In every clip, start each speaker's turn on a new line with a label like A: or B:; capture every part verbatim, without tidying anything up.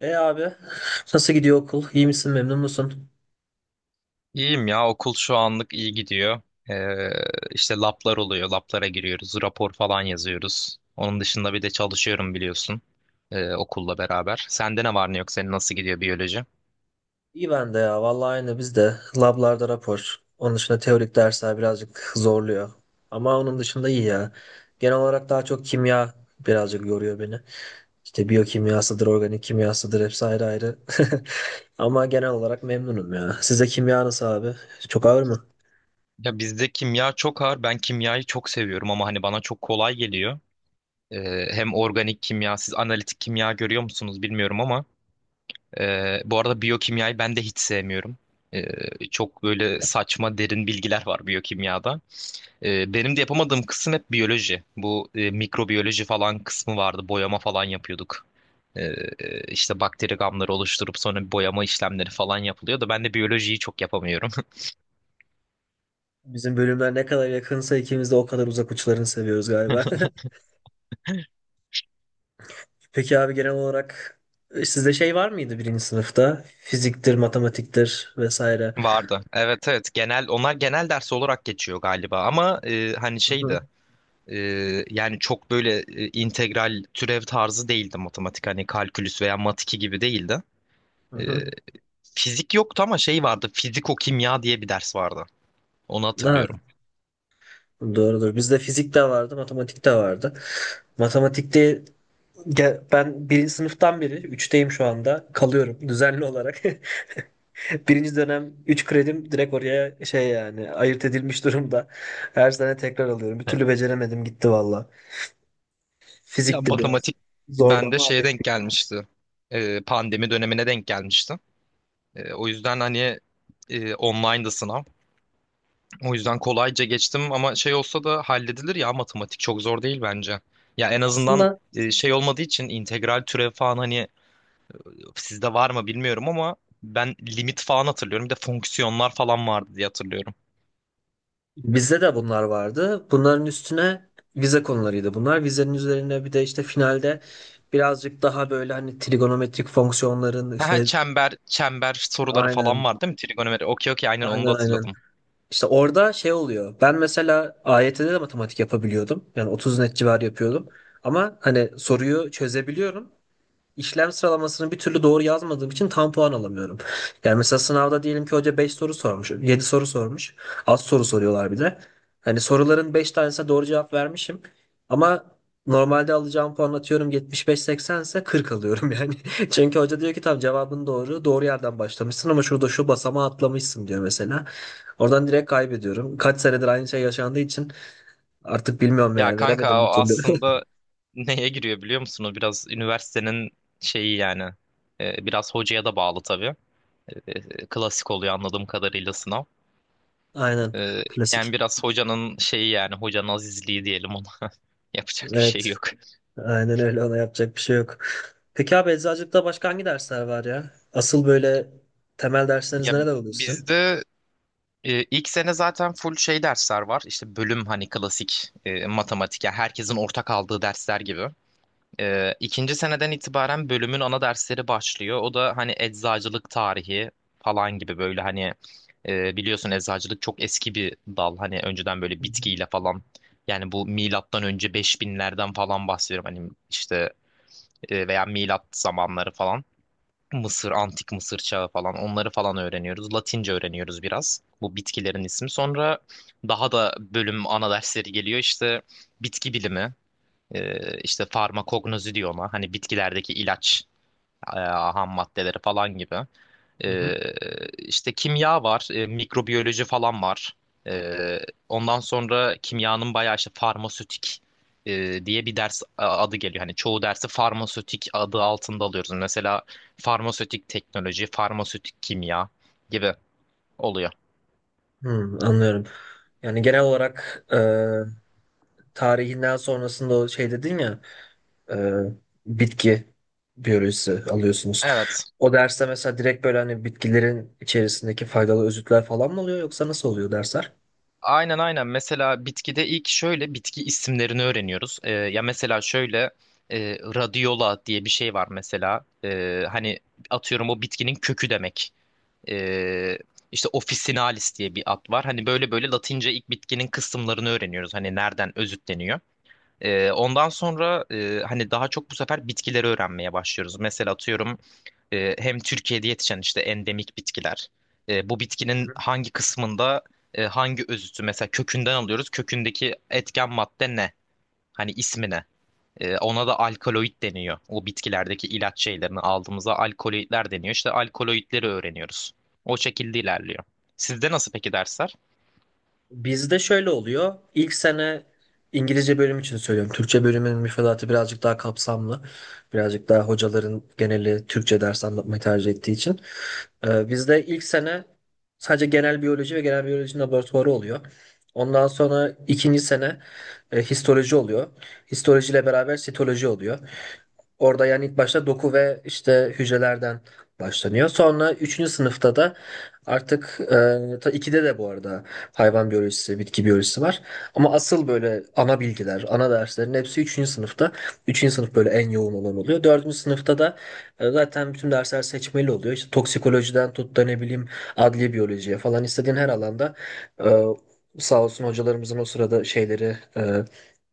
A: E abi nasıl gidiyor okul? İyi misin, memnun musun?
B: İyiyim ya okul şu anlık iyi gidiyor. Ee, işte lablar oluyor. Lablara giriyoruz. Rapor falan yazıyoruz. Onun dışında bir de çalışıyorum biliyorsun. ee, okulla beraber. Sende ne var ne yok? Senin nasıl gidiyor biyoloji?
A: İyi ben de ya. Vallahi aynı biz de. Lablarda rapor. Onun dışında teorik dersler birazcık zorluyor. Ama onun dışında iyi ya. Genel olarak daha çok kimya birazcık yoruyor beni. İşte biyokimyasıdır, organik kimyasıdır hepsi ayrı ayrı. Ama genel olarak memnunum ya. Size kimya nasıl abi? Çok ağır mı?
B: Ya bizde kimya çok ağır. Ben kimyayı çok seviyorum ama hani bana çok kolay geliyor. Ee, hem organik kimya, siz analitik kimya görüyor musunuz bilmiyorum ama ee, bu arada biyokimyayı ben de hiç sevmiyorum. Ee, çok böyle saçma derin bilgiler var biyokimyada. Ee, benim de yapamadığım kısım hep biyoloji. Bu e, mikrobiyoloji falan kısmı vardı. Boyama falan yapıyorduk. Ee, e, işte bakteri gamları oluşturup sonra boyama işlemleri falan yapılıyor da ben de biyolojiyi çok yapamıyorum.
A: Bizim bölümler ne kadar yakınsa ikimiz de o kadar uzak uçlarını seviyoruz galiba. Peki abi genel olarak e, sizde şey var mıydı birinci sınıfta? Fiziktir, matematiktir vesaire.
B: Vardı. Evet evet, genel onlar genel ders olarak geçiyor galiba ama e, hani
A: Hı hı.
B: şeydi, e, yani çok böyle e, integral türev tarzı değildi matematik, hani kalkülüs veya mat iki gibi değildi.
A: Hı
B: E,
A: hı.
B: Fizik yoktu ama şey vardı, fiziko kimya diye bir ders vardı. Onu
A: Ha,
B: hatırlıyorum.
A: doğrudur. Bizde fizik de vardı, matematik de vardı. Matematikte ge- ben birinci sınıftan beri, üçteyim şu anda, kalıyorum düzenli olarak. Birinci dönem üç kredim direkt oraya şey yani ayırt edilmiş durumda. Her sene tekrar alıyorum. Bir türlü beceremedim gitti valla.
B: Ya
A: Fizikti biraz
B: matematik
A: zordu
B: bende
A: ama
B: şeye denk
A: hallettim.
B: gelmişti. Ee, pandemi dönemine denk gelmişti. Ee, o yüzden hani e, online'dı sınav. O yüzden kolayca geçtim ama şey olsa da halledilir ya, matematik çok zor değil bence. Ya en azından
A: Aslında,
B: e, şey olmadığı için integral türev falan, hani sizde var mı bilmiyorum ama ben limit falan hatırlıyorum. Bir de fonksiyonlar falan vardı diye hatırlıyorum.
A: bizde de bunlar vardı. Bunların üstüne vize konularıydı bunlar. Vizenin üzerine bir de işte finalde birazcık daha böyle hani trigonometrik fonksiyonların
B: Ha,
A: işte
B: çember çember soruları falan
A: aynen,
B: vardı değil mi? Trigonometri. Okey okey, aynen onu da
A: aynen aynen.
B: hatırladım.
A: İşte orada şey oluyor. Ben mesela A Y T'de de matematik yapabiliyordum. Yani otuz net civarı yapıyordum. Ama hani soruyu çözebiliyorum. İşlem sıralamasını bir türlü doğru yazmadığım için tam puan alamıyorum. Yani mesela sınavda diyelim ki hoca beş soru sormuş, yedi soru sormuş. Az soru soruyorlar bir de. Hani soruların beş tanesine doğru cevap vermişim. Ama normalde alacağım puan atıyorum yetmiş beş seksen ise kırk alıyorum yani. Çünkü hoca diyor ki tamam cevabın doğru. Doğru yerden başlamışsın ama şurada şu basamağı atlamışsın diyor mesela. Oradan direkt kaybediyorum. Kaç senedir aynı şey yaşandığı için artık bilmiyorum
B: Ya
A: yani veremedim
B: kanka, o
A: bir türlü.
B: aslında neye giriyor biliyor musun? O biraz üniversitenin şeyi yani. Ee, biraz hocaya da bağlı tabii. Ee, klasik oluyor anladığım kadarıyla sınav.
A: Aynen.
B: Ee, Yani
A: Klasik.
B: biraz hocanın şeyi yani, hocanın azizliği diyelim ona. Yapacak bir şey
A: Evet.
B: yok.
A: Aynen öyle, ona yapacak bir şey yok. Peki abi eczacılıkta başka hangi dersler var ya? Asıl böyle temel dersleriniz
B: Ya
A: neler oluyor sizin?
B: bizde e, ilk sene zaten full şey dersler var. İşte bölüm hani klasik e, matematik. Yani herkesin ortak aldığı dersler gibi. Ee, ikinci seneden itibaren bölümün ana dersleri başlıyor. O da hani eczacılık tarihi falan gibi, böyle hani e, biliyorsun eczacılık çok eski bir dal. Hani önceden böyle
A: Hı hı.
B: bitkiyle falan, yani bu milattan önce beş binlerden falan bahsediyorum. Hani işte e, veya milat zamanları falan. Mısır, antik Mısır çağı falan, onları falan öğreniyoruz. Latince öğreniyoruz biraz. Bu bitkilerin ismi. Sonra daha da bölüm ana dersleri geliyor. İşte bitki bilimi. Ee, işte farmakognozi diyor ona. Hani bitkilerdeki ilaç, e, ham maddeleri falan gibi.
A: Hı hı.
B: Ee, işte kimya var, e, mikrobiyoloji falan var. Ee, Ondan sonra kimyanın bayağı işte farmasötik e, diye bir ders a- adı geliyor. Hani çoğu dersi farmasötik adı altında alıyoruz. Mesela farmasötik teknoloji, farmasötik kimya gibi oluyor.
A: Hmm, anlıyorum. Yani genel olarak e, tarihinden sonrasında o şey dedin ya e, bitki biyolojisi alıyorsunuz.
B: Evet.
A: O derste mesela direkt böyle hani bitkilerin içerisindeki faydalı özütler falan mı oluyor yoksa nasıl oluyor dersler?
B: Aynen aynen. Mesela bitkide ilk şöyle bitki isimlerini öğreniyoruz. Ee, ya mesela şöyle e, radiola diye bir şey var mesela. Ee, hani atıyorum o bitkinin kökü demek. Ee, işte officinalis diye bir ad var. Hani böyle böyle Latince ilk bitkinin kısımlarını öğreniyoruz. Hani nereden özütleniyor. Ee, ondan sonra e, hani daha çok bu sefer bitkileri öğrenmeye başlıyoruz. Mesela atıyorum e, hem Türkiye'de yetişen işte endemik bitkiler. e, bu bitkinin hangi kısmında e, hangi özütü mesela kökünden alıyoruz. Kökündeki etken madde ne? Hani ismi ne? E, ona da alkaloid deniyor. O bitkilerdeki ilaç şeylerini aldığımızda alkaloidler deniyor. İşte alkaloidleri öğreniyoruz. O şekilde ilerliyor. Sizde nasıl peki dersler?
A: Bizde şöyle oluyor. İlk sene İngilizce bölüm için söylüyorum. Türkçe bölümün müfredatı birazcık daha kapsamlı. Birazcık daha hocaların geneli Türkçe ders anlatmayı tercih ettiği için. Ee, bizde ilk sene sadece genel biyoloji ve genel biyoloji laboratuvarı oluyor. Ondan sonra ikinci sene e, histoloji oluyor. Histolojiyle beraber sitoloji oluyor. Orada yani ilk başta doku ve işte hücrelerden başlanıyor. Sonra üçüncü sınıfta da artık e, ta ikide de bu arada hayvan biyolojisi, bitki biyolojisi var. Ama asıl böyle ana bilgiler, ana derslerin hepsi üçüncü sınıfta. Üçüncü sınıf böyle en yoğun olan oluyor. Dördüncü sınıfta da e, zaten bütün dersler seçmeli oluyor. İşte toksikolojiden tut da ne bileyim adliye biyolojiye falan istediğin her alanda e, sağ olsun hocalarımızın o sırada şeyleri e,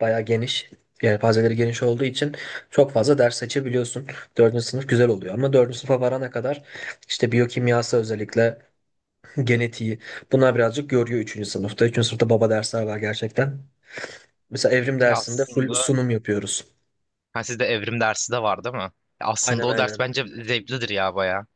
A: bayağı geniş. Yelpazeleri geniş olduğu için çok fazla ders seçebiliyorsun. Dördüncü sınıf güzel oluyor ama dördüncü sınıfa varana kadar işte biyokimyası özellikle genetiği. Bunlar birazcık görüyor üçüncü sınıfta. üçüncü sınıfta baba dersler var gerçekten. Mesela evrim
B: Ya
A: dersinde full
B: aslında,
A: sunum yapıyoruz.
B: ha, sizde evrim dersi de var değil mi? Ya aslında
A: Aynen
B: o ders
A: aynen.
B: bence zevklidir ya baya.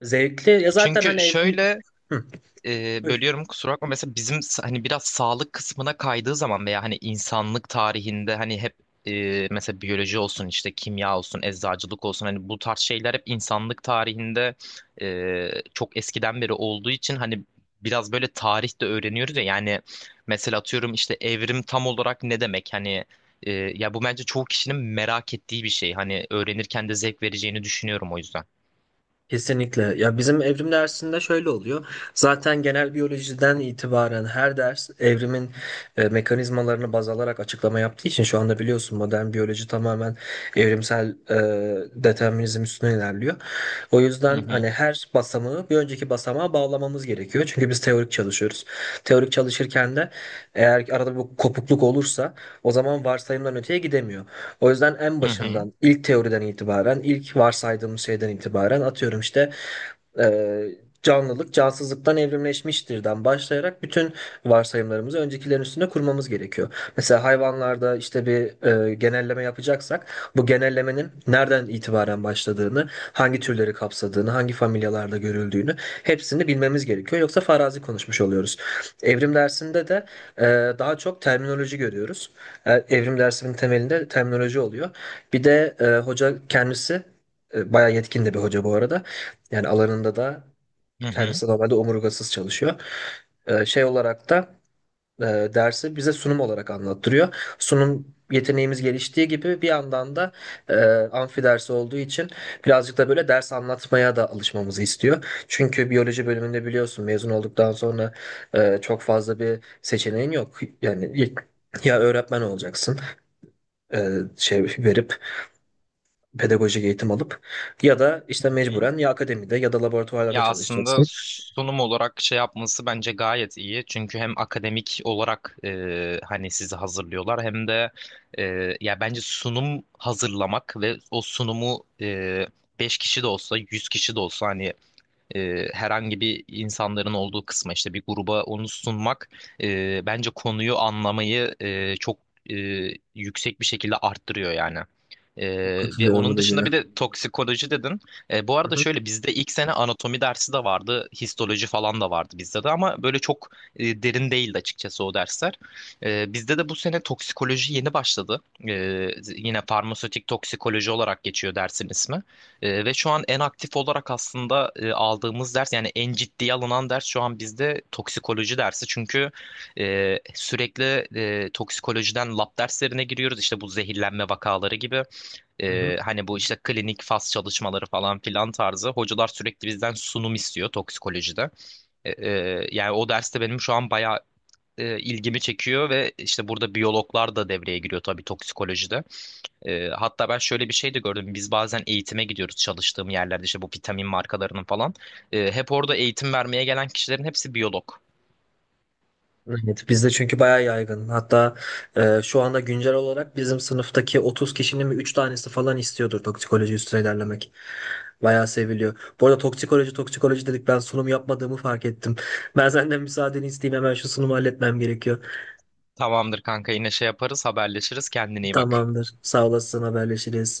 A: Zevkli. Ya zaten hani
B: Çünkü
A: evrim...
B: şöyle,
A: Hı.
B: e, bölüyorum kusura bakma. Mesela bizim s- hani biraz sağlık kısmına kaydığı zaman veya hani insanlık tarihinde hani hep e, mesela biyoloji olsun, işte kimya olsun, eczacılık olsun, hani bu tarz şeyler hep insanlık tarihinde e, çok eskiden beri olduğu için hani biraz böyle tarih de öğreniyoruz ya yani. Mesela atıyorum işte evrim tam olarak ne demek, hani e, ya bu bence çoğu kişinin merak ettiği bir şey, hani öğrenirken de zevk vereceğini düşünüyorum o yüzden.
A: Kesinlikle. Ya bizim evrim dersinde şöyle oluyor. Zaten genel biyolojiden itibaren her ders evrimin e, mekanizmalarını baz alarak açıklama yaptığı için şu anda biliyorsun modern biyoloji tamamen evrimsel e, determinizm üstüne ilerliyor. O
B: Hı
A: yüzden hani
B: hı.
A: her basamağı bir önceki basamağa bağlamamız gerekiyor. Çünkü biz teorik çalışıyoruz. Teorik çalışırken de eğer arada bir kopukluk olursa o zaman varsayımdan öteye gidemiyor. O yüzden en
B: Hı hı.
A: başından, ilk teoriden itibaren, ilk varsaydığımız şeyden itibaren atıyorum işte e, canlılık cansızlıktan evrimleşmiştir'den başlayarak bütün varsayımlarımızı öncekilerin üstüne kurmamız gerekiyor. Mesela hayvanlarda işte bir e, genelleme yapacaksak bu genellemenin nereden itibaren başladığını, hangi türleri kapsadığını, hangi familyalarda görüldüğünü hepsini bilmemiz gerekiyor. Yoksa farazi konuşmuş oluyoruz. Evrim dersinde de e, daha çok terminoloji görüyoruz. E, Evrim dersinin temelinde terminoloji oluyor. Bir de e, hoca kendisi e, bayağı yetkin de bir hoca bu arada. Yani alanında da
B: Hı hı.
A: kendisi normalde omurgasız çalışıyor. E, şey olarak da e, dersi bize sunum olarak anlattırıyor. Sunum yeteneğimiz geliştiği gibi bir yandan da e, amfi dersi olduğu için birazcık da böyle ders anlatmaya da alışmamızı istiyor. Çünkü biyoloji bölümünde biliyorsun mezun olduktan sonra e, çok fazla bir seçeneğin yok. Yani ya öğretmen olacaksın e, şey verip pedagojik eğitim alıp ya da işte mecburen ya akademide ya da laboratuvarlarda
B: Ya aslında
A: çalışacaksın.
B: sunum olarak şey yapması bence gayet iyi. Çünkü hem akademik olarak e, hani sizi hazırlıyorlar, hem de e, ya bence sunum hazırlamak ve o sunumu e, beş kişi de olsa yüz kişi de olsa, hani e, herhangi bir insanların olduğu kısma, işte bir gruba onu sunmak e, bence konuyu anlamayı e, çok e, yüksek bir şekilde arttırıyor yani. E,
A: Çok
B: Ve
A: katılıyorum bu
B: onun dışında
A: dediğine.
B: bir de toksikoloji dedin. E, bu
A: Hı
B: arada
A: hı.
B: şöyle, bizde ilk sene anatomi dersi de vardı, histoloji falan da vardı bizde de, ama böyle çok e, derin değildi açıkçası o dersler. E, bizde de bu sene toksikoloji yeni başladı. E, Yine farmasötik toksikoloji olarak geçiyor dersin ismi. Ee, ve şu an en aktif olarak aslında e, aldığımız ders, yani en ciddiye alınan ders şu an bizde toksikoloji dersi. Çünkü e, sürekli e, toksikolojiden lab derslerine giriyoruz. İşte bu zehirlenme vakaları gibi.
A: Hı hı.
B: E, hani bu işte klinik faz çalışmaları falan filan tarzı. Hocalar sürekli bizden sunum istiyor toksikolojide. E, e, Yani o derste benim şu an bayağı e, ilgimi çekiyor ve işte burada biyologlar da devreye giriyor tabii toksikolojide. Ee, hatta ben şöyle bir şey de gördüm. Biz bazen eğitime gidiyoruz çalıştığım yerlerde işte bu vitamin markalarının falan. Ee, hep orada eğitim vermeye gelen kişilerin hepsi biyolog.
A: Evet, bizde çünkü bayağı yaygın. Hatta e, şu anda güncel olarak bizim sınıftaki otuz kişinin mi üç tanesi falan istiyordur toksikoloji üstüne ilerlemek. Bayağı seviliyor. Bu arada toksikoloji toksikoloji dedik ben sunum yapmadığımı fark ettim. Ben senden müsaadeni isteyeyim hemen şu sunumu halletmem gerekiyor.
B: Tamamdır kanka, yine şey yaparız, haberleşiriz, kendine iyi bak.
A: Tamamdır. Sağ olasın haberleşiriz.